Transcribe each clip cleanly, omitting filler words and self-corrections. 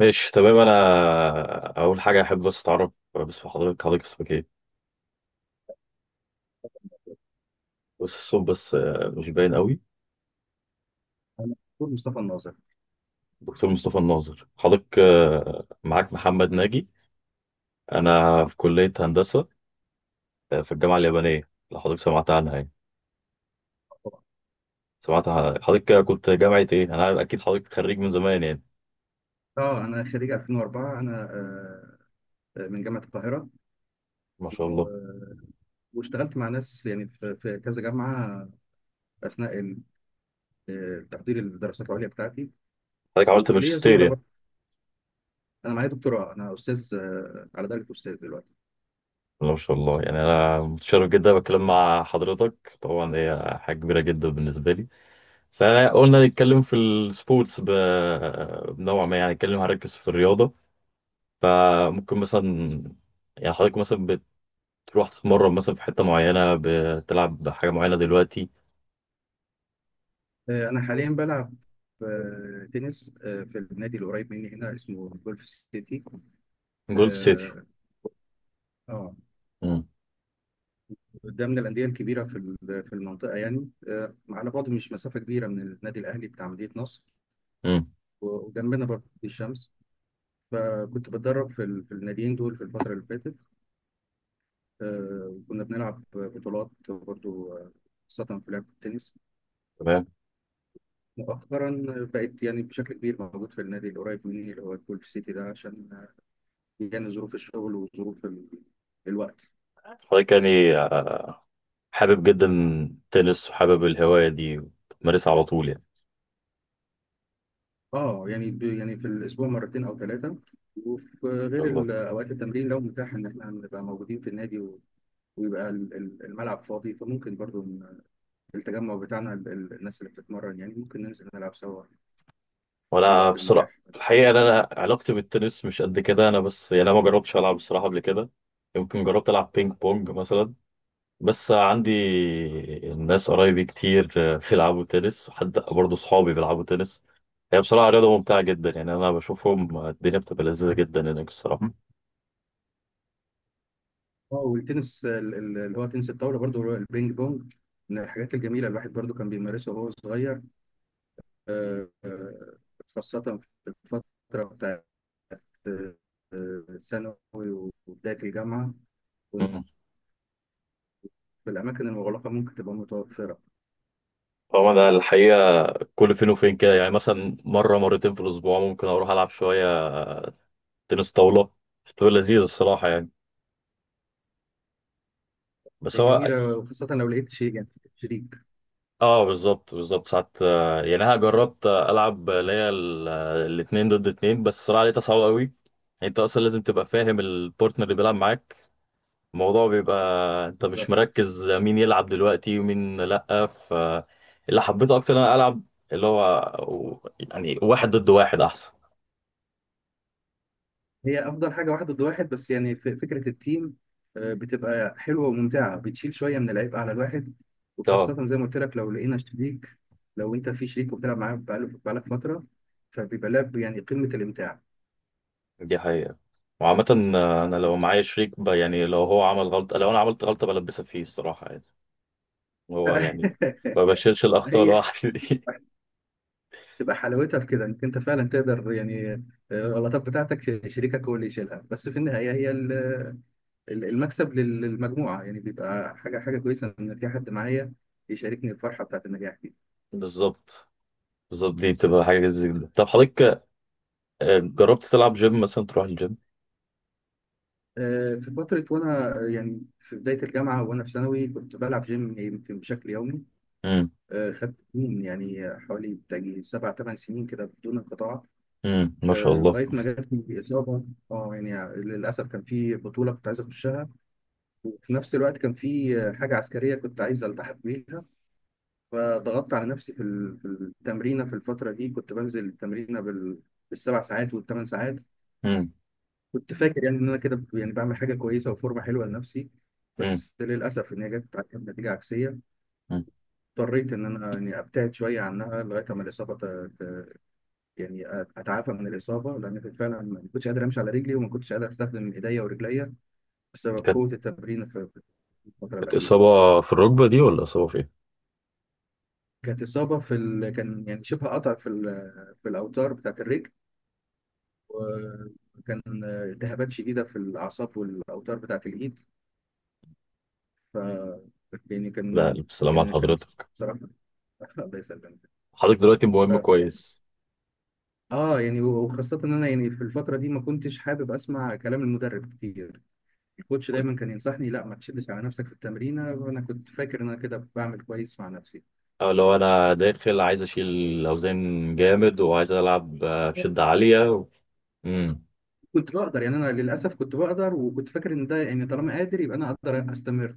ماشي، تمام. انا اول حاجه احب بس اتعرف. بس في حضرتك اسمك ايه؟ بس الصوت، بس مش باين قوي. انا دكتور مصطفى الناظر. دكتور مصطفى الناظر، حضرتك معاك محمد ناجي، انا في كليه هندسه، في الجامعه اليابانيه، لو حضرتك سمعت عنها يعني. طبعا حضرتك كنت جامعه ايه؟ انا عارف اكيد حضرتك خريج من زمان يعني. اه انا خريج 2004. انا آه، آه، من جامعه القاهره ما شاء و... الله. واشتغلت مع ناس يعني في كذا جامعه اثناء تحضير الدراسات العليا بتاعتي، حضرتك عملت وليا ماجستير زملاء يعني؟ برضه. انا معايا دكتوراه، انا استاذ، على درجه استاذ دلوقتي. ما شاء الله، يعني انا متشرف جدا بتكلم مع حضرتك، طبعا هي حاجه كبيره جدا بالنسبه لي. بس احنا قلنا نتكلم في السبورتس، بنوع ما يعني، نتكلم هنركز في الرياضة. فممكن مثلا يعني حضرتك مثلا بتروح تتمرن مثلا في حتة معينة، بتلعب حاجة معينة دلوقتي؟ انا حاليا بلعب تنس في النادي القريب مني هنا، اسمه جولف سيتي. جولف سيتي. اه، آه، امم. ده من الانديه الكبيره في المنطقه، يعني على بعد، مش مسافه كبيره من النادي الاهلي بتاع مدينه نصر، امم. وجنبنا برضه في الشمس. فكنت بتدرب في الناديين دول في الفترة اللي فاتت، وكنا بنلعب بطولات برضه، خاصة في لعبة التنس. تمام. مؤخرا بقيت يعني بشكل كبير موجود في النادي القريب مني اللي هو الجولف سيتي ده، عشان يعني ظروف الشغل وظروف الوقت. حضرتك يعني حابب جدا التنس، وحابب الهواية دي وتمارسها على طول يعني. اه يعني يعني في الاسبوع مرتين او ثلاثه، وفي ان شاء غير الله. اوقات التمرين، لو متاح ان احنا نبقى موجودين في النادي ويبقى الملعب فاضي، فممكن برضو التجمع بتاعنا، الناس اللي بتتمرن، يعني ممكن ننزل نلعب سوا في وانا الوقت بصراحة المتاح. الحقيقة إن انا علاقتي بالتنس مش قد كده، انا بس يعني انا ما جربتش العب بصراحة قبل كده. يمكن جربت العب بينج بونج مثلا، بس عندي ناس قرايبي كتير بيلعبوا تنس، وحتى برضه صحابي بيلعبوا تنس. هي بصراحة رياضة ممتعة جدا يعني، أنا بشوفهم الدنيا بتبقى لذيذة جدا هناك الصراحة. اه، والتنس اللي هو تنس الطاولة برضو، اللي هو البينج بونج، من الحاجات الجميلة الواحد برضو كان بيمارسها وهو صغير، آه، آه، خاصة في الفترة بتاعت آه، ثانوي وبداية الجامعة. كنت مم. في الأماكن المغلقة ممكن تبقى متوفرة. هو أنا الحقيقة كل فين وفين كده يعني، مثلا مرة مرتين في الأسبوع ممكن أروح ألعب شوية تنس طاولة. بتبقى لذيذة الصراحة يعني. بس هي هو. جميلة، وخاصة لو لقيت شيء، يعني شريك. اه، بالظبط بالظبط. ساعات يعني أنا جربت ألعب اللي هي الاتنين ضد اتنين، بس الصراحة لقيتها صعبة قوي. انت اصلا لازم تبقى فاهم البارتنر اللي بيلعب معاك، الموضوع بيبقى انت مش مركز مين يلعب دلوقتي ومين لأ. فاللي حبيته اكتر انا العب اللي هو يعني واحد ضد واحد احسن. هي افضل حاجه واحد ضد واحد، بس يعني فكره التيم بتبقى حلوه وممتعه، بتشيل شويه من العبء على الواحد، اه وخاصه زي ما قلت لك لو لقينا شريك. لو انت في شريك وبتلعب معاه بقالك فتره، فبيبقى لعب يعني قمه الامتاع. دي حقيقة. وعامة انا لو معايا شريك، يعني لو هو عمل غلطة، لو انا عملت غلطة، بلبسها فيه الصراحة يعني. هو يعني ما بشيلش الاخطاء هي لوحدي دي. تبقى حلاوتها في كده انك انت فعلا تقدر، يعني الغلطات بتاعتك شريكك هو اللي يشيلها، بس في النهايه هي المكسب للمجموعه، يعني بيبقى حاجه، كويسه ان في حد معايا يشاركني الفرحه بتاعت النجاح دي. بالظبط بالظبط. دي بتبقى حاجة زي كده. طب حضرتك جربت تلعب جيم مثلا، تروح الجيم؟ في فترة وأنا يعني في بداية الجامعة وأنا في ثانوي كنت بلعب جيم، يمكن بشكل يومي. امم. خدت سنين، يعني حوالي بتاجي سبع ثمان سنين كده بدون انقطاع، امم. ما شاء الله. لغاية ما جاتني إصابة. أه، يعني للأسف كان في بطولة كنت عايز أخشها، وفي نفس الوقت كان في حاجة عسكرية كنت عايز ألتحق بيها، فضغطت على نفسي في التمرينة. في الفترة دي كنت بنزل التمرينة بالسبع ساعات والثمان ساعات. امم. كنت فاكر يعني ان انا كده يعني بعمل حاجه كويسه وفورمه حلوه لنفسي، بس للاسف ان هي جت عليها بنتيجه عكسيه. امم. اضطريت ان انا يعني ابتعد شويه عنها لغايه اما الاصابه يعني اتعافى من الاصابه، لان كنت فعلا ما كنتش قادر امشي على رجلي، وما كنتش قادر استخدم ايديا ورجليا بسبب قوه التمرين في الفتره كانت الاخيره. إصابة في الركبة دي ولا إصابة فين؟ كانت اصابه في ال... كان يعني شبه قطع في ال... في الاوتار بتاعت الرجل، وكان التهابات شديده في الاعصاب والاوتار بتاعت الايد. ف يعني لا كان ألف سلام على كان كان حضرتك. بصراحة. الله يسلمك. حضرتك دلوقتي ف... مهم كويس. اه يعني، وخاصة ان انا يعني في الفترة دي ما كنتش حابب اسمع كلام المدرب كتير. الكوتش كنت، دايما كان ينصحني: لا، ما تشدش على نفسك في التمرينة، وانا كنت فاكر ان انا كده بعمل كويس مع نفسي. أو لو أنا داخل عايز أشيل أوزان جامد وعايز ألعب بشدة عالية و... امم. كنت بقدر، يعني انا للاسف كنت بقدر، وكنت فاكر ان ده يعني طالما قادر يبقى انا اقدر استمر.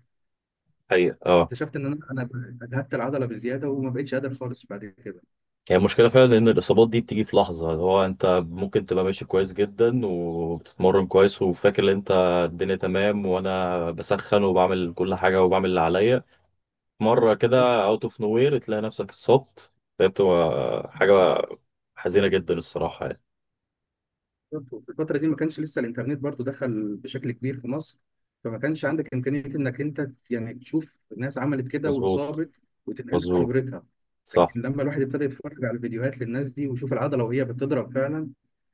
حقيقة أه. اكتشفت ان انا اجهدت العضلة بزيادة، وما بقتش قادر خالص بعد كده. هي المشكلة فعلا إن الإصابات دي بتيجي في لحظة، اللي هو أنت ممكن تبقى ماشي كويس جدا، وبتتمرن كويس، وفاكر إن أنت الدنيا تمام، وأنا بسخن وبعمل كل حاجة وبعمل اللي عليا. مرة كده أوت أوف نوير تلاقي نفسك اتصبت. فهي بتبقى حاجة حزينة جدا الصراحة يعني. في الفترة دي ما كانش لسه الإنترنت برضو دخل بشكل كبير في مصر، فما كانش عندك إمكانية إنك أنت يعني تشوف ناس عملت كده مظبوط. واتصابت وتنقل لك مظبوط، خبرتها. صح. لكن لما الواحد ابتدى يتفرج على فيديوهات للناس دي ويشوف العضلة وهي بتضرب فعلا،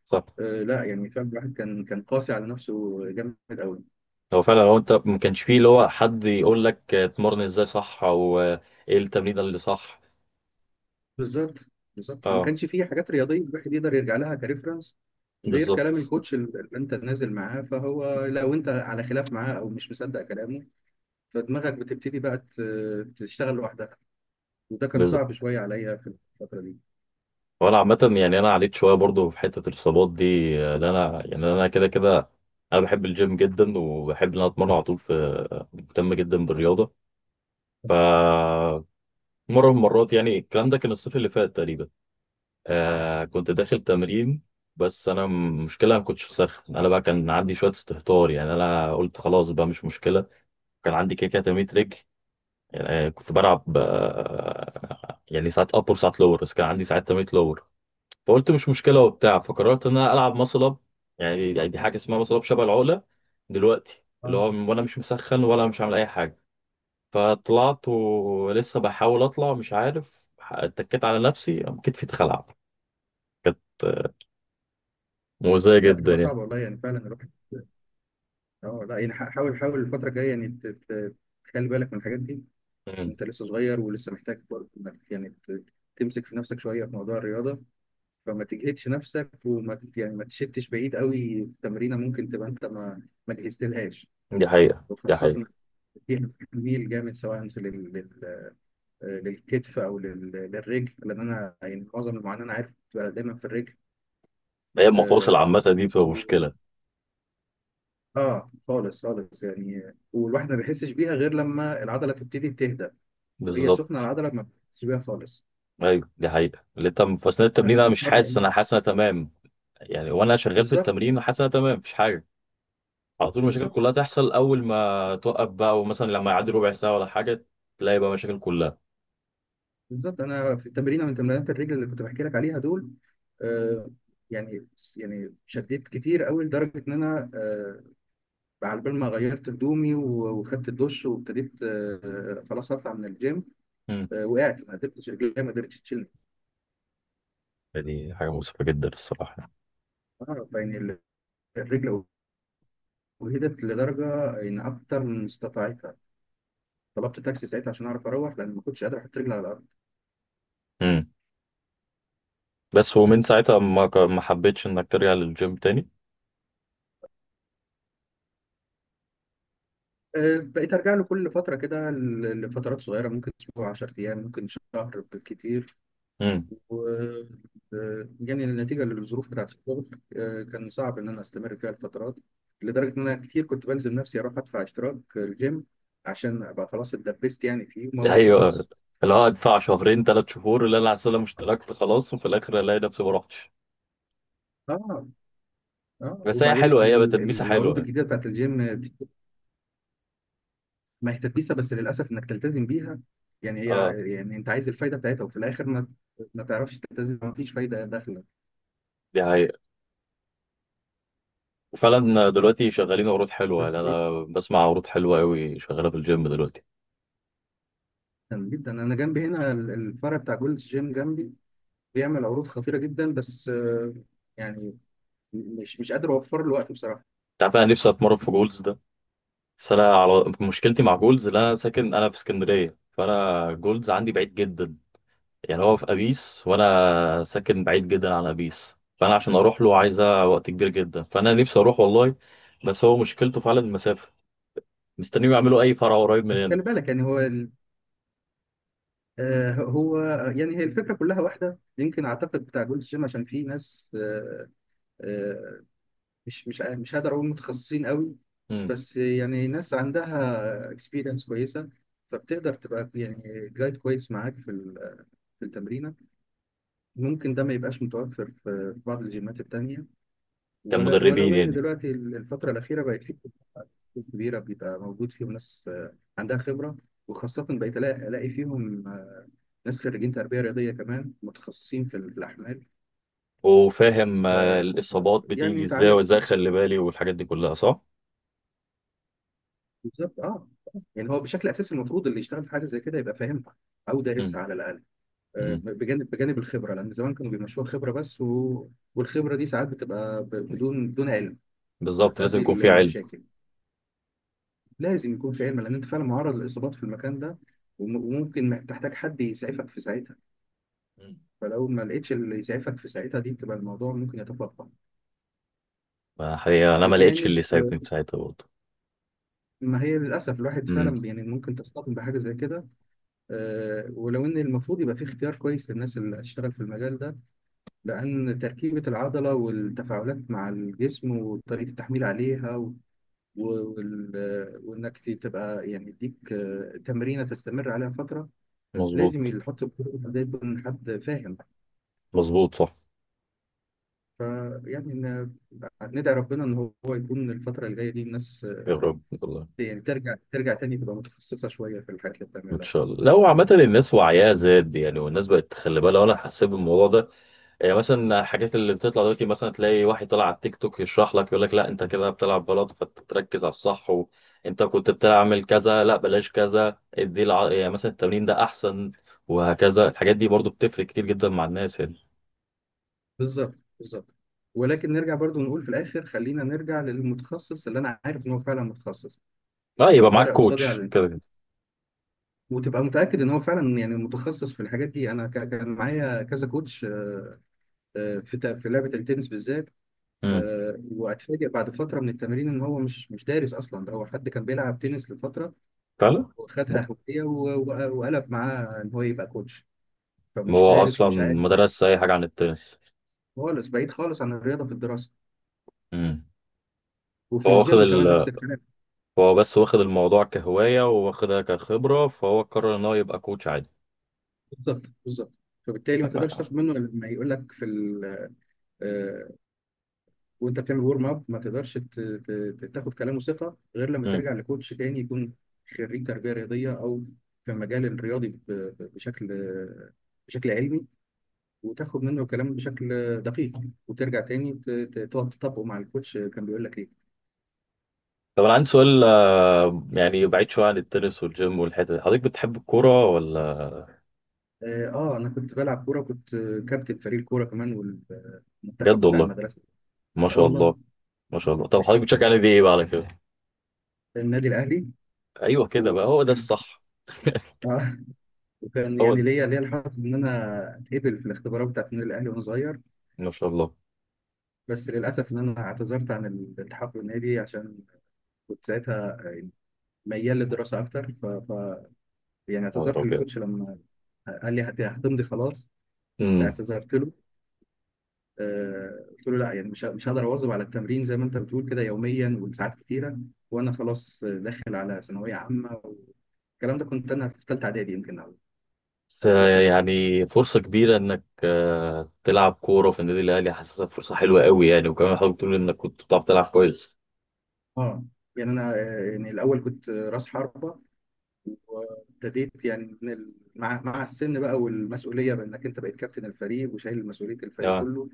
صح. آه لا يعني فعلا الواحد كان، قاسي على نفسه جامد قوي. هو فعلا، هو انت ما كانش فيه اللي هو حد يقول لك اتمرن ازاي صح، او ايه التمرين اللي صح. بالظبط بالظبط، ما اه كانش فيه حاجات رياضية الواحد يقدر يرجع لها كريفرنس غير بالظبط كلام الكوتش اللي انت نازل معاه، فهو لو انت على خلاف معاه او مش مصدق كلامه، فدماغك بتبتدي بقى تشتغل لوحدها، وده كان بالظبط. صعب شويه عليا في الفتره دي. وانا عامه يعني انا عليت شويه برضو في حته الاصابات دي، لأن انا يعني انا كده كده انا بحب الجيم جدا، وبحب ان انا اتمرن على طول، في، مهتم جدا بالرياضه. ف، مره من المرات يعني الكلام ده كان الصيف اللي فات تقريبا، آه كنت داخل تمرين، بس انا مشكله ما كنتش مسخن، انا بقى كان عندي شويه استهتار يعني، انا قلت خلاص بقى مش مشكله. كان عندي كده كده تمرين رجل، يعني كنت بلعب يعني ساعات ابر وساعات لور، بس كان عندي ساعات تمرين لور. فقلت مش مشكله وبتاع، فقررت ان انا العب ماسل اب، يعني دي حاجه اسمها ماسل اب شبه العقله دلوقتي، اللي اه هو وانا مش مسخن ولا مش عامل اي حاجه، فطلعت ولسه بحاول اطلع، مش عارف اتكيت على نفسي، قام كتفي اتخلع. مؤذية لا، جدا بتبقى يعني. صعبه والله، يعني فعلا الواحد. اه لا، يعني حاول حاول الفتره الجايه يعني تخلي بالك من الحاجات دي. مم. انت لسه صغير ولسه محتاج برضه إنك يعني تمسك في نفسك شويه في موضوع الرياضه، فما تجهدش نفسك، يعني ما تشتش بعيد قوي في تمرينه ممكن تبقى انت ما جهزتلهاش، دي حقيقة دي وخاصه إنك حقيقة. فيها تميل جامد، سواء للكتف، او للرجل، لان انا يعني معظم المعاناه انا عارف بتبقى دايما في الرجل. هي المفاصل اه عامة دي بتبقى و- مشكلة. آه، خالص يعني والواحد ما بيحسش بيها غير لما العضله تبتدي تهدى، وهي سخنه بالظبط. العضله ما بتحسش بيها خالص. أيوة دي حقيقة، اللي تم في أثناء انا التمرين أنا في مش حاسس، أنا مره، حاسس أنا تمام يعني، وأنا شغال في بالظبط التمرين حاسس أنا تمام مفيش حاجة. على طول المشاكل بالظبط. كلها تحصل أول ما توقف بقى، ومثلا لما يعدي ربع ساعة ولا حاجة تلاقي بقى مشاكل كلها. بالظبط انا في التمرين من تمرينات الرجل اللي كنت بحكي لك عليها دول، آه، يعني يعني شديت كتير قوي لدرجه ان انا على بال ما غيرت هدومي وخدت الدش وابتديت، خلاص اطلع من الجيم، مم. وقعت. ما قدرتش رجليها ما قدرتش تشيلني. دي حاجة مؤسفة جدا الصراحة. اه يعني الرجل وهدت لدرجه ان اكتر من استطاعتها، طلبت تاكسي ساعتها عشان اعرف اروح، لان ما كنتش قادر احط رجلي على الارض. مم. بس ومن ساعتها ما حبيتش إنك ترجع للجيم تاني. بقيت ارجع له كل فتره كده لفترات صغيره، ممكن اسبوع، 10 ايام، ممكن شهر بالكتير. مم. و آه، يعني النتيجه للظروف بتاعت الشغل كان صعب ان انا استمر فيها الفترات، لدرجه ان انا كتير كنت بلزم نفسي اروح ادفع اشتراك الجيم عشان ابقى خلاص اتدبست يعني فيه، وما اروحش ايوه، خالص. اللي هو ادفع شهرين ثلاث شهور اللي انا على مش اشتركت خلاص، وفي الاخر الاقي نفسي ما رحتش. اه، اه بس هي وبعدين حلوه، هي تدبيسه العروض حلوه. الجديده بتاعت الجيم. ما هي تدبيسه، بس للاسف انك تلتزم بيها، يعني هي، اه يعني انت عايز الفايده بتاعتها، وفي الاخر ما تعرفش تلتزم، ما فيش فايده داخله. دي حقيقة. وفعلا دلوقتي شغالين عروض حلوه، يعني بس جدا، انا بسمع عروض حلوه قوي شغاله في الجيم دلوقتي. جدا انا جنبي هنا الفرع بتاع جولد جيم جنبي، بيعمل عروض خطيره جدا، بس يعني مش قادر اوفر له وقت بصراحه. انت عارف انا نفسي اتمرن في جولز ده، بس انا على مشكلتي مع جولز اللي انا ساكن، انا في اسكندريه، فانا جولز عندي بعيد جدا يعني، هو في ابيس، وانا ساكن بعيد جدا عن ابيس، فانا عشان اروح له عايزه وقت كبير جدا، فانا نفسي اروح والله، بس هو مشكلته فعلا المسافه. مستنيهم يعملوا اي فرع قريب من بس هنا. خلي بالك، يعني هو هو يعني هي الفكره كلها واحده، يمكن اعتقد بتاع جولد جيم عشان في ناس آه، مش هقدر اقول متخصصين قوي، امم. بس يعني ناس عندها اكسبيرينس كويسه، فبتقدر تبقى يعني جايد كويس معاك في التمرينه. ممكن ده ما يبقاش متوفر في بعض الجيمات التانيه، ولا كمدربين ولو ان يعني. دلوقتي الفتره الاخيره بقت في كتب كبيره بيبقى موجود فيهم ناس عندها خبره، وخاصه بقيت الاقي، ألاقي فيهم ناس خريجين تربيه رياضيه كمان متخصصين في الاحمال. وفاهم ف الاصابات يعني بتيجي انت ازاي، عندك، وازاي اخلي بالي، والحاجات دي كلها صح. بالظبط اه، يعني هو بشكل اساسي المفروض اللي يشتغل في حاجه زي كده يبقى فاهمها او امم. دارسها على الاقل، آه، امم. بجانب بجانب الخبره، لان زمان كانوا بيمشوها خبره بس والخبره دي ساعات بتبقى بدون، علم بالظبط، لازم بتؤدي يكون في علم. لمشاكل. لازم يكون في علم، لان انت فعلا معرض للاصابات في المكان ده، وممكن تحتاج حد يسعفك في ساعتها، مم. فلو ما لقيتش اللي يسعفك في ساعتها دي، بتبقى الموضوع ممكن يتفاقم. فحقيقة انا ما لقيتش بجانب اللي يساعدني في ساعتها برضه. ما هي للاسف الواحد امم. فعلا يعني ممكن تصطدم بحاجه زي كده، ولو ان المفروض يبقى في اختيار كويس للناس اللي هتشتغل في المجال ده، لان تركيبه العضله والتفاعلات مع الجسم وطريقه التحميل عليها وانك تبقى يعني يديك تمرينه تستمر عليها فتره، لازم مظبوط. يحط ده، يكون حد فاهم. مظبوط، صح. فيعني إن- ندعي ربنا ان هو يكون الفتره الجايه دي الناس يا رب والله. يعني ترجع، تاني تبقى متخصصه شويه في الحاجات اللي ان بتعملها. شاء الله، لو عامة الناس وعيها زاد يعني، والناس بقت تخلي بالها، وانا حسيت بالموضوع ده، يعني مثلا الحاجات اللي بتطلع دلوقتي، مثلا تلاقي واحد طلع على التيك توك يشرح لك، يقول لك لا انت كده بتلعب بلاط، فتركز على الصح، وانت كنت بتعمل كذا لا بلاش كذا، يعني مثلا التمرين ده احسن، وهكذا. الحاجات دي برضو بتفرق كتير جدا مع الناس يعني. بالظبط بالظبط، ولكن نرجع برضو نقول في الاخر: خلينا نرجع للمتخصص اللي انا عارف ان هو فعلا متخصص، لا اللي يبقى معاك طالع قصادي على كوتش كده الانترنت، كده. وتبقى متاكد ان هو فعلا يعني متخصص في الحاجات دي. انا كان معايا كذا كوتش في في لعبه التنس بالذات، امم. واتفاجئ بعد فتره من التمرين ان هو مش دارس اصلا، ده هو حد كان بيلعب تنس لفتره فعلا. وخدها هوايه وقلب معاه ان هو يبقى كوتش، فمش هو دارس اصلا ومش عارف ما درسش اي حاجه عن التنس. خالص، بعيد خالص عن الرياضه في الدراسه، امم. وفي هو واخد الجيم كمان نفس الكلام. هو بس واخد الموضوع كهوايه، واخدها كخبره، فهو قرر ان هو يبقى كوتش عادي. بالظبط بالظبط، فبالتالي ما تقدرش تاخد منه لما يقول لك في ال آه، وانت بتعمل ورم اب، ما تقدرش تاخد كلامه ثقه غير لما امم. ترجع لكوتش تاني يكون خريج تربيه رياضيه، او في المجال الرياضي بشكل، علمي، وتاخد منه الكلام بشكل دقيق، وترجع تاني تقعد تطبقه مع الكوتش كان بيقول لك ايه. طب انا عندي سؤال، يعني بعيد شوية عن التنس والجيم والحتة دي، حضرتك بتحب الكورة ولا؟ اه انا كنت بلعب كوره، كنت كابتن فريق الكوره كمان والمنتخب بجد بتاع والله؟ المدرسه. ما اه شاء والله. الله. ما شاء الله. طب حضرتك بتشجع نادي ايه بقى على كده؟ النادي الاهلي. ايوه كده بقى، هو ده وكان الصح. وكان هو يعني ده. ليا الحظ ان انا اتقبل في الاختبارات بتاعت النادي الاهلي وانا صغير، ما شاء الله. بس للاسف ان انا اعتذرت عن الالتحاق بالنادي، عشان كنت ساعتها ميال للدراسه اكتر، يعني يا نهار اعتذرت أبيض. للكوتش لما قال لي هتمضي خلاص. امم. اعتذرت له، قلت له لا، يعني مش هقدر اواظب على التمرين زي ما انت بتقول كده يوميا وساعات كتيره، وانا خلاص داخل على ثانويه عامه، والكلام ده كنت انا في ثالثه اعدادي، يمكن، او بس أو اولى ثانوي. يعني فرصة كبيرة انك تلعب كورة في النادي الاهلي، حاسسها فرصة حلوة قوي يعني، وكمان حضرتك بتقول انك كنت بتعرف تلعب كويس. اه يعني انا يعني الاول كنت راس حربه، وابتديت يعني من ال... مع السن بقى والمسؤوليه بانك انت بقيت كابتن الفريق وشايل مسؤوليه الفريق اه. كله.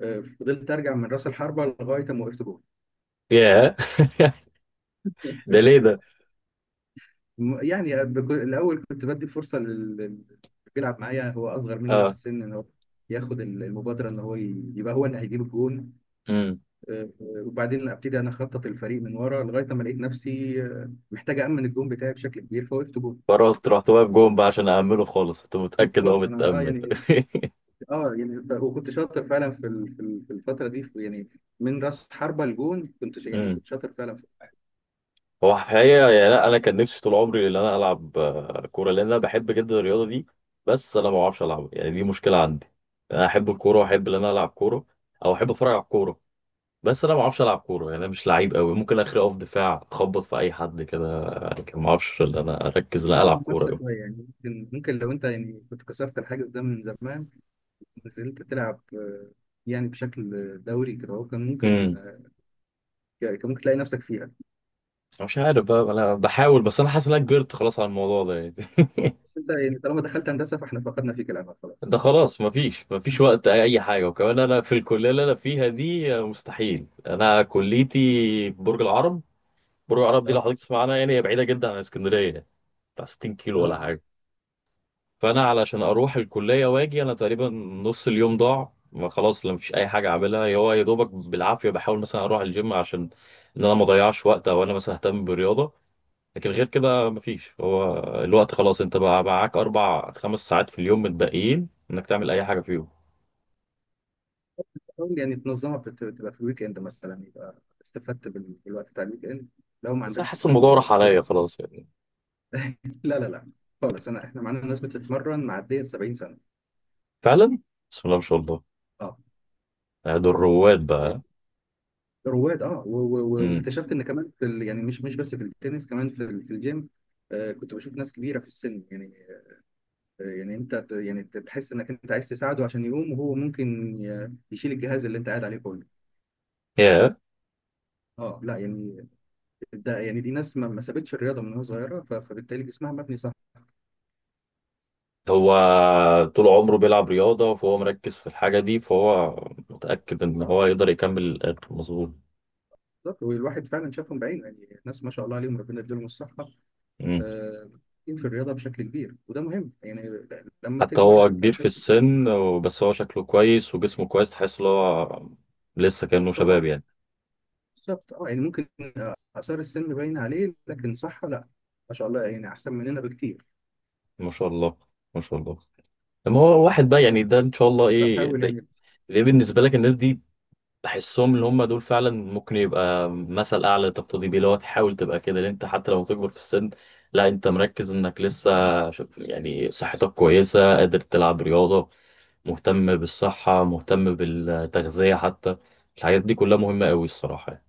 فضلت ارجع من راس الحربه لغايه ما وقفت جول. ياه. ده ليه ده؟ يعني الاول كنت بدي فرصه اللي بيلعب معايا هو اصغر مني في اه. السن، ان هو ياخد المبادره، ان هو يبقى هو اللي هيجيب الجون. امم. وبعدين ابتدي انا اخطط الفريق من ورا لغايه ما لقيت نفسي محتاج امن الجون بتاعي بشكل كبير، فوقفت جون. فرحت رحت واقف جون بقى عشان أأمنه خالص، كنت متأكد خلاص هو انا، متأمن. يعني، اه يعني وكنت شاطر فعلا في الفتره دي، يعني من راس حربه لجون كنت يعني امم. كنت شاطر فعلا في هو الحقيقة يعني، لا أنا كان نفسي طول عمري إن أنا ألعب كورة، لأن أنا بحب جدا الرياضة دي، بس أنا ما بعرفش ألعبها يعني، دي مشكلة عندي. أنا أحب الكورة وأحب إن أنا ألعب كورة، أو أحب أتفرج على الكورة، بس أنا ما بعرفش ألعب كورة يعني، أنا مش لعيب أوي، ممكن آخري أقف دفاع أخبط في أي حد كده، لكن ما بعرفش إن أنا أركز إن أنا حاجه ألعب كورة مقصه أوي. شويه يعني. ممكن لو انت يعني كنت كسرت الحاجز ده من زمان، نزلت تلعب، يعني بشكل دوري كده، هو كان ممكن، امم. كان ممكن تلاقي نفسك فيها. مش عارف بقى، أنا بحاول، بس أنا حاسس إن أنا كبرت خلاص على الموضوع ده يعني. بس انت يعني طالما دخلت هندسه فاحنا فقدنا فيك الامل خلاص. ده خلاص مفيش وقت اي حاجه، وكمان انا في الكليه اللي انا فيها دي مستحيل، انا كليتي برج العرب، برج العرب دي تمام، لو حضرتك تسمع عنها يعني، هي بعيده جدا عن اسكندريه يعني، بتاع 60 كيلو ولا تمام. حاجه، فانا علشان اروح الكليه واجي انا تقريبا نص اليوم ضاع. ما خلاص، لا مفيش اي حاجه اعملها، هو يا دوبك بالعافيه بحاول مثلا اروح الجيم عشان ان انا ما اضيعش وقت، او انا مثلا اهتم بالرياضه، لكن غير كده مفيش. هو الوقت خلاص، انت بقى معاك اربع خمس ساعات في اليوم متبقيين انك تعمل اي حاجه فيهم. حاول يعني تنظمها، تبقى في الويك اند مثلا، يبقى استفدت بالوقت بتاع الويك اند لو ما بس أنا عندكش حاسس الموضوع فيه راح بروت. عليا خلاص يعني. لا، لا، لا، خالص. انا احنا معانا ناس بتتمرن معديه ال 70 سنه. فعلا. بسم الله ما شاء الله. اه، دول رواد بقى. رواد. اه، امم. واكتشفت ان كمان يعني مش بس في التنس، كمان في الجيم. كنت بشوف ناس كبيره في السن يعني. يعني انت يعني تحس انك انت عايز تساعده عشان يقوم، وهو ممكن يشيل الجهاز اللي انت قاعد عليه كله. يا. اه، لا يعني، ده يعني دي ناس ما سابتش الرياضه من وهي صغيره، فبالتالي جسمها مبني صح. هو طول عمره بيلعب رياضة فهو مركز في الحاجة دي، فهو متأكد إن اه، هو يقدر يكمل للآخر، مظبوط. بالظبط. والواحد فعلا شافهم بعينه يعني، ناس ما شاء الله عليهم، ربنا يديلهم الصحه امم. في الرياضة بشكل كبير، وده مهم يعني. لما حتى تكبر هو كبير في هتحس السن، بس هو شكله كويس وجسمه كويس، تحس إن هو لسه كأنه شباب طبعا. يعني. بالظبط، اه يعني ممكن آثار السن باين عليه، لكن صح لا، ما شاء الله يعني، أحسن مننا بكتير. ما شاء الله. ما شاء الله. لما هو واحد بقى يعني ده إن شاء الله، إيه بحاول ده, يعني. ده بالنسبة لك الناس دي، بحسهم اللي هم دول فعلا ممكن يبقى مثل اعلى تقتدي بيه، لو تحاول تبقى كده لان انت حتى لو تكبر في السن، لا انت مركز انك لسه، يعني صحتك كويسه قادر تلعب رياضه، مهتم بالصحه مهتم بالتغذيه، حتى الحاجات دي كلها مهمه قوي الصراحه يعني.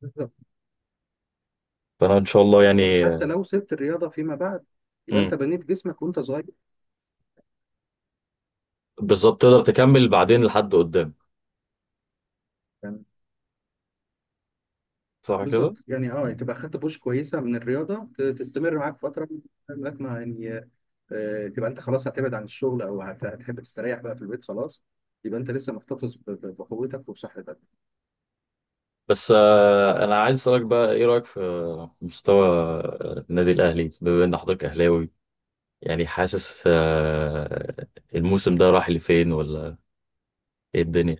بالظبط. فانا ان شاء الله يعني. بالظبط. حتى لو سبت الرياضة فيما بعد، يبقى مم. أنت بنيت جسمك وأنت صغير بالظبط، تقدر تكمل بعدين لحد قدام. يعني. صح كده. بالظبط يعني، اه مم. تبقى خدت بوش كويسة من الرياضة، تستمر معاك فترة لغاية ما يعني، تبقى أنت خلاص هتبعد عن الشغل، أو هتحب تستريح بقى في البيت خلاص، يبقى أنت لسه محتفظ بقوتك وبصحتك. بس انا عايز اسالك بقى، ايه رايك في مستوى النادي الاهلي بما ان حضرتك اهلاوي؟ يعني حاسس الموسم ده راح لفين، ولا ايه الدنيا؟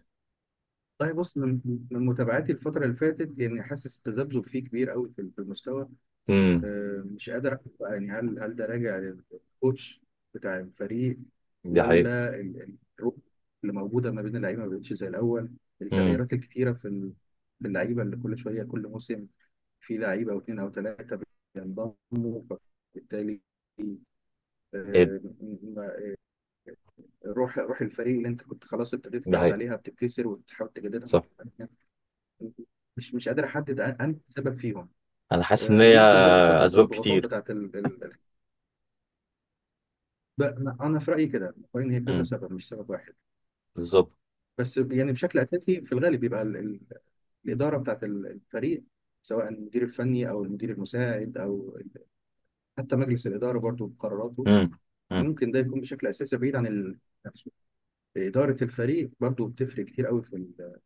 والله بص، من متابعاتي الفترة اللي فاتت يعني، حاسس تذبذب فيه كبير قوي في في المستوى. امم. مش قادر أحكم بقى يعني، هل ده راجع للكوتش بتاع الفريق، دي حقيقة. ولا الروح اللي موجودة ما بين اللعيبة ما بقتش زي الأول، امم. التغييرات الكتيرة في اللعيبة اللي كل شوية كل موسم في لعيبة أو اتنين أو تلاتة بينضموا، فبالتالي ايه. آه، م- م- روح الفريق اللي أنت كنت خلاص ابتديت دي تتعود حقيقة. عليها بتتكسر وتحاول تجددها صح. مرة تانية. مش قادر احدد، انت السبب فيهم. انا حاسس ان هي يمكن برضو فتره اسباب الضغوطات كتير. بتاعت ال... ال... ال- بقى- انا في رايي كده مقارنة، هي كذا امم. سبب مش سبب واحد. بالظبط. بس يعني بشكل اساسي في الغالب بيبقى الاداره الفريق، سواء المدير الفني او المدير المساعد او حتى مجلس الاداره برضو بقراراته، امم. امم. ممكن ده يكون بشكل اساسي بعيد عن نفسه. اداره الفريق برضو بتفرق كتير قوي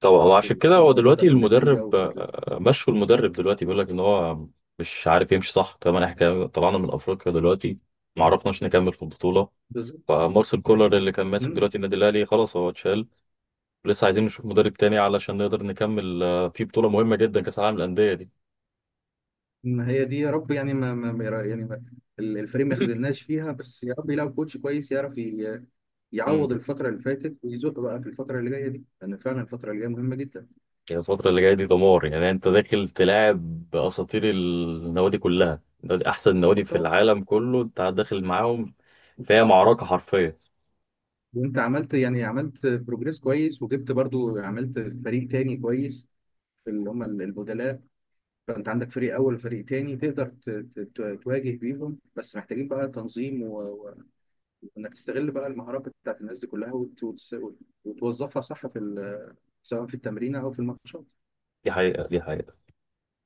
طب هو عشان كده في هو الموضوع ده، دلوقتي في النتيجه المدرب وفي مشوا المدرب دلوقتي، بيقول لك ان هو مش عارف يمشي صح. طبعا احنا طلعنا من افريقيا دلوقتي، ما عرفناش نكمل في البطولة، بالظبط. فمارسيل كولر اللي كان ماسك مم. دلوقتي النادي الاهلي خلاص هو اتشال. لسه عايزين نشوف مدرب تاني علشان نقدر نكمل في بطولة مهمة جدا كأس العالم للأندية دي. ما هي دي يا رب يعني، ما, ما ما يرا- يعني ما الفريق ما يخذلناش فيها بس، يا رب يلاقي كوتش كويس يعرف امم. يعوض الفترة اللي فاتت ويزق بقى في الفترة اللي جاية دي، لأن فعلا الفترة اللي جاية مهمة جدا. يعني الفترة اللي جاية دي دمار يعني، انت داخل تلاعب أساطير، النوادي كلها، أحسن نوادي في العالم كله انت داخل معاهم، فهي معركة حرفية. وأنت عملت يعني، عملت بروجريس كويس، وجبت برضو، عملت فريق تاني كويس في اللي هم البدلاء، فأنت عندك فريق أول وفريق تاني تقدر تواجه بيهم، بس محتاجين بقى تنظيم وإنك تستغل بقى المهارات بتاعت الناس دي كلها، وتوظفها صح في ال، سواء في التمرين او في الماتشات. دي حقيقة دي حقيقة.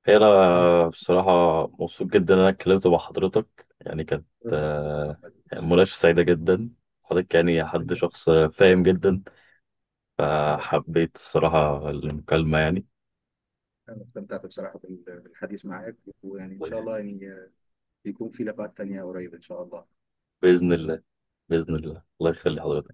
هي تمام. أنا بصراحة مبسوط جدا إن أنا اتكلمت مع حضرتك يعني، كانت ربنا يخليك. آه، مناقشة سعيدة جدا. حضرتك يعني حد تسلم. شخص فاهم جدا. الله يخليك، فحبيت الصراحة المكالمة يعني. انا استمتعت بصراحه بالحديث معاك، ويعني ان شاء الله يعني يكون في لقاءات تانية قريب ان شاء الله. بإذن الله. بإذن الله، الله يخلي حضرتك.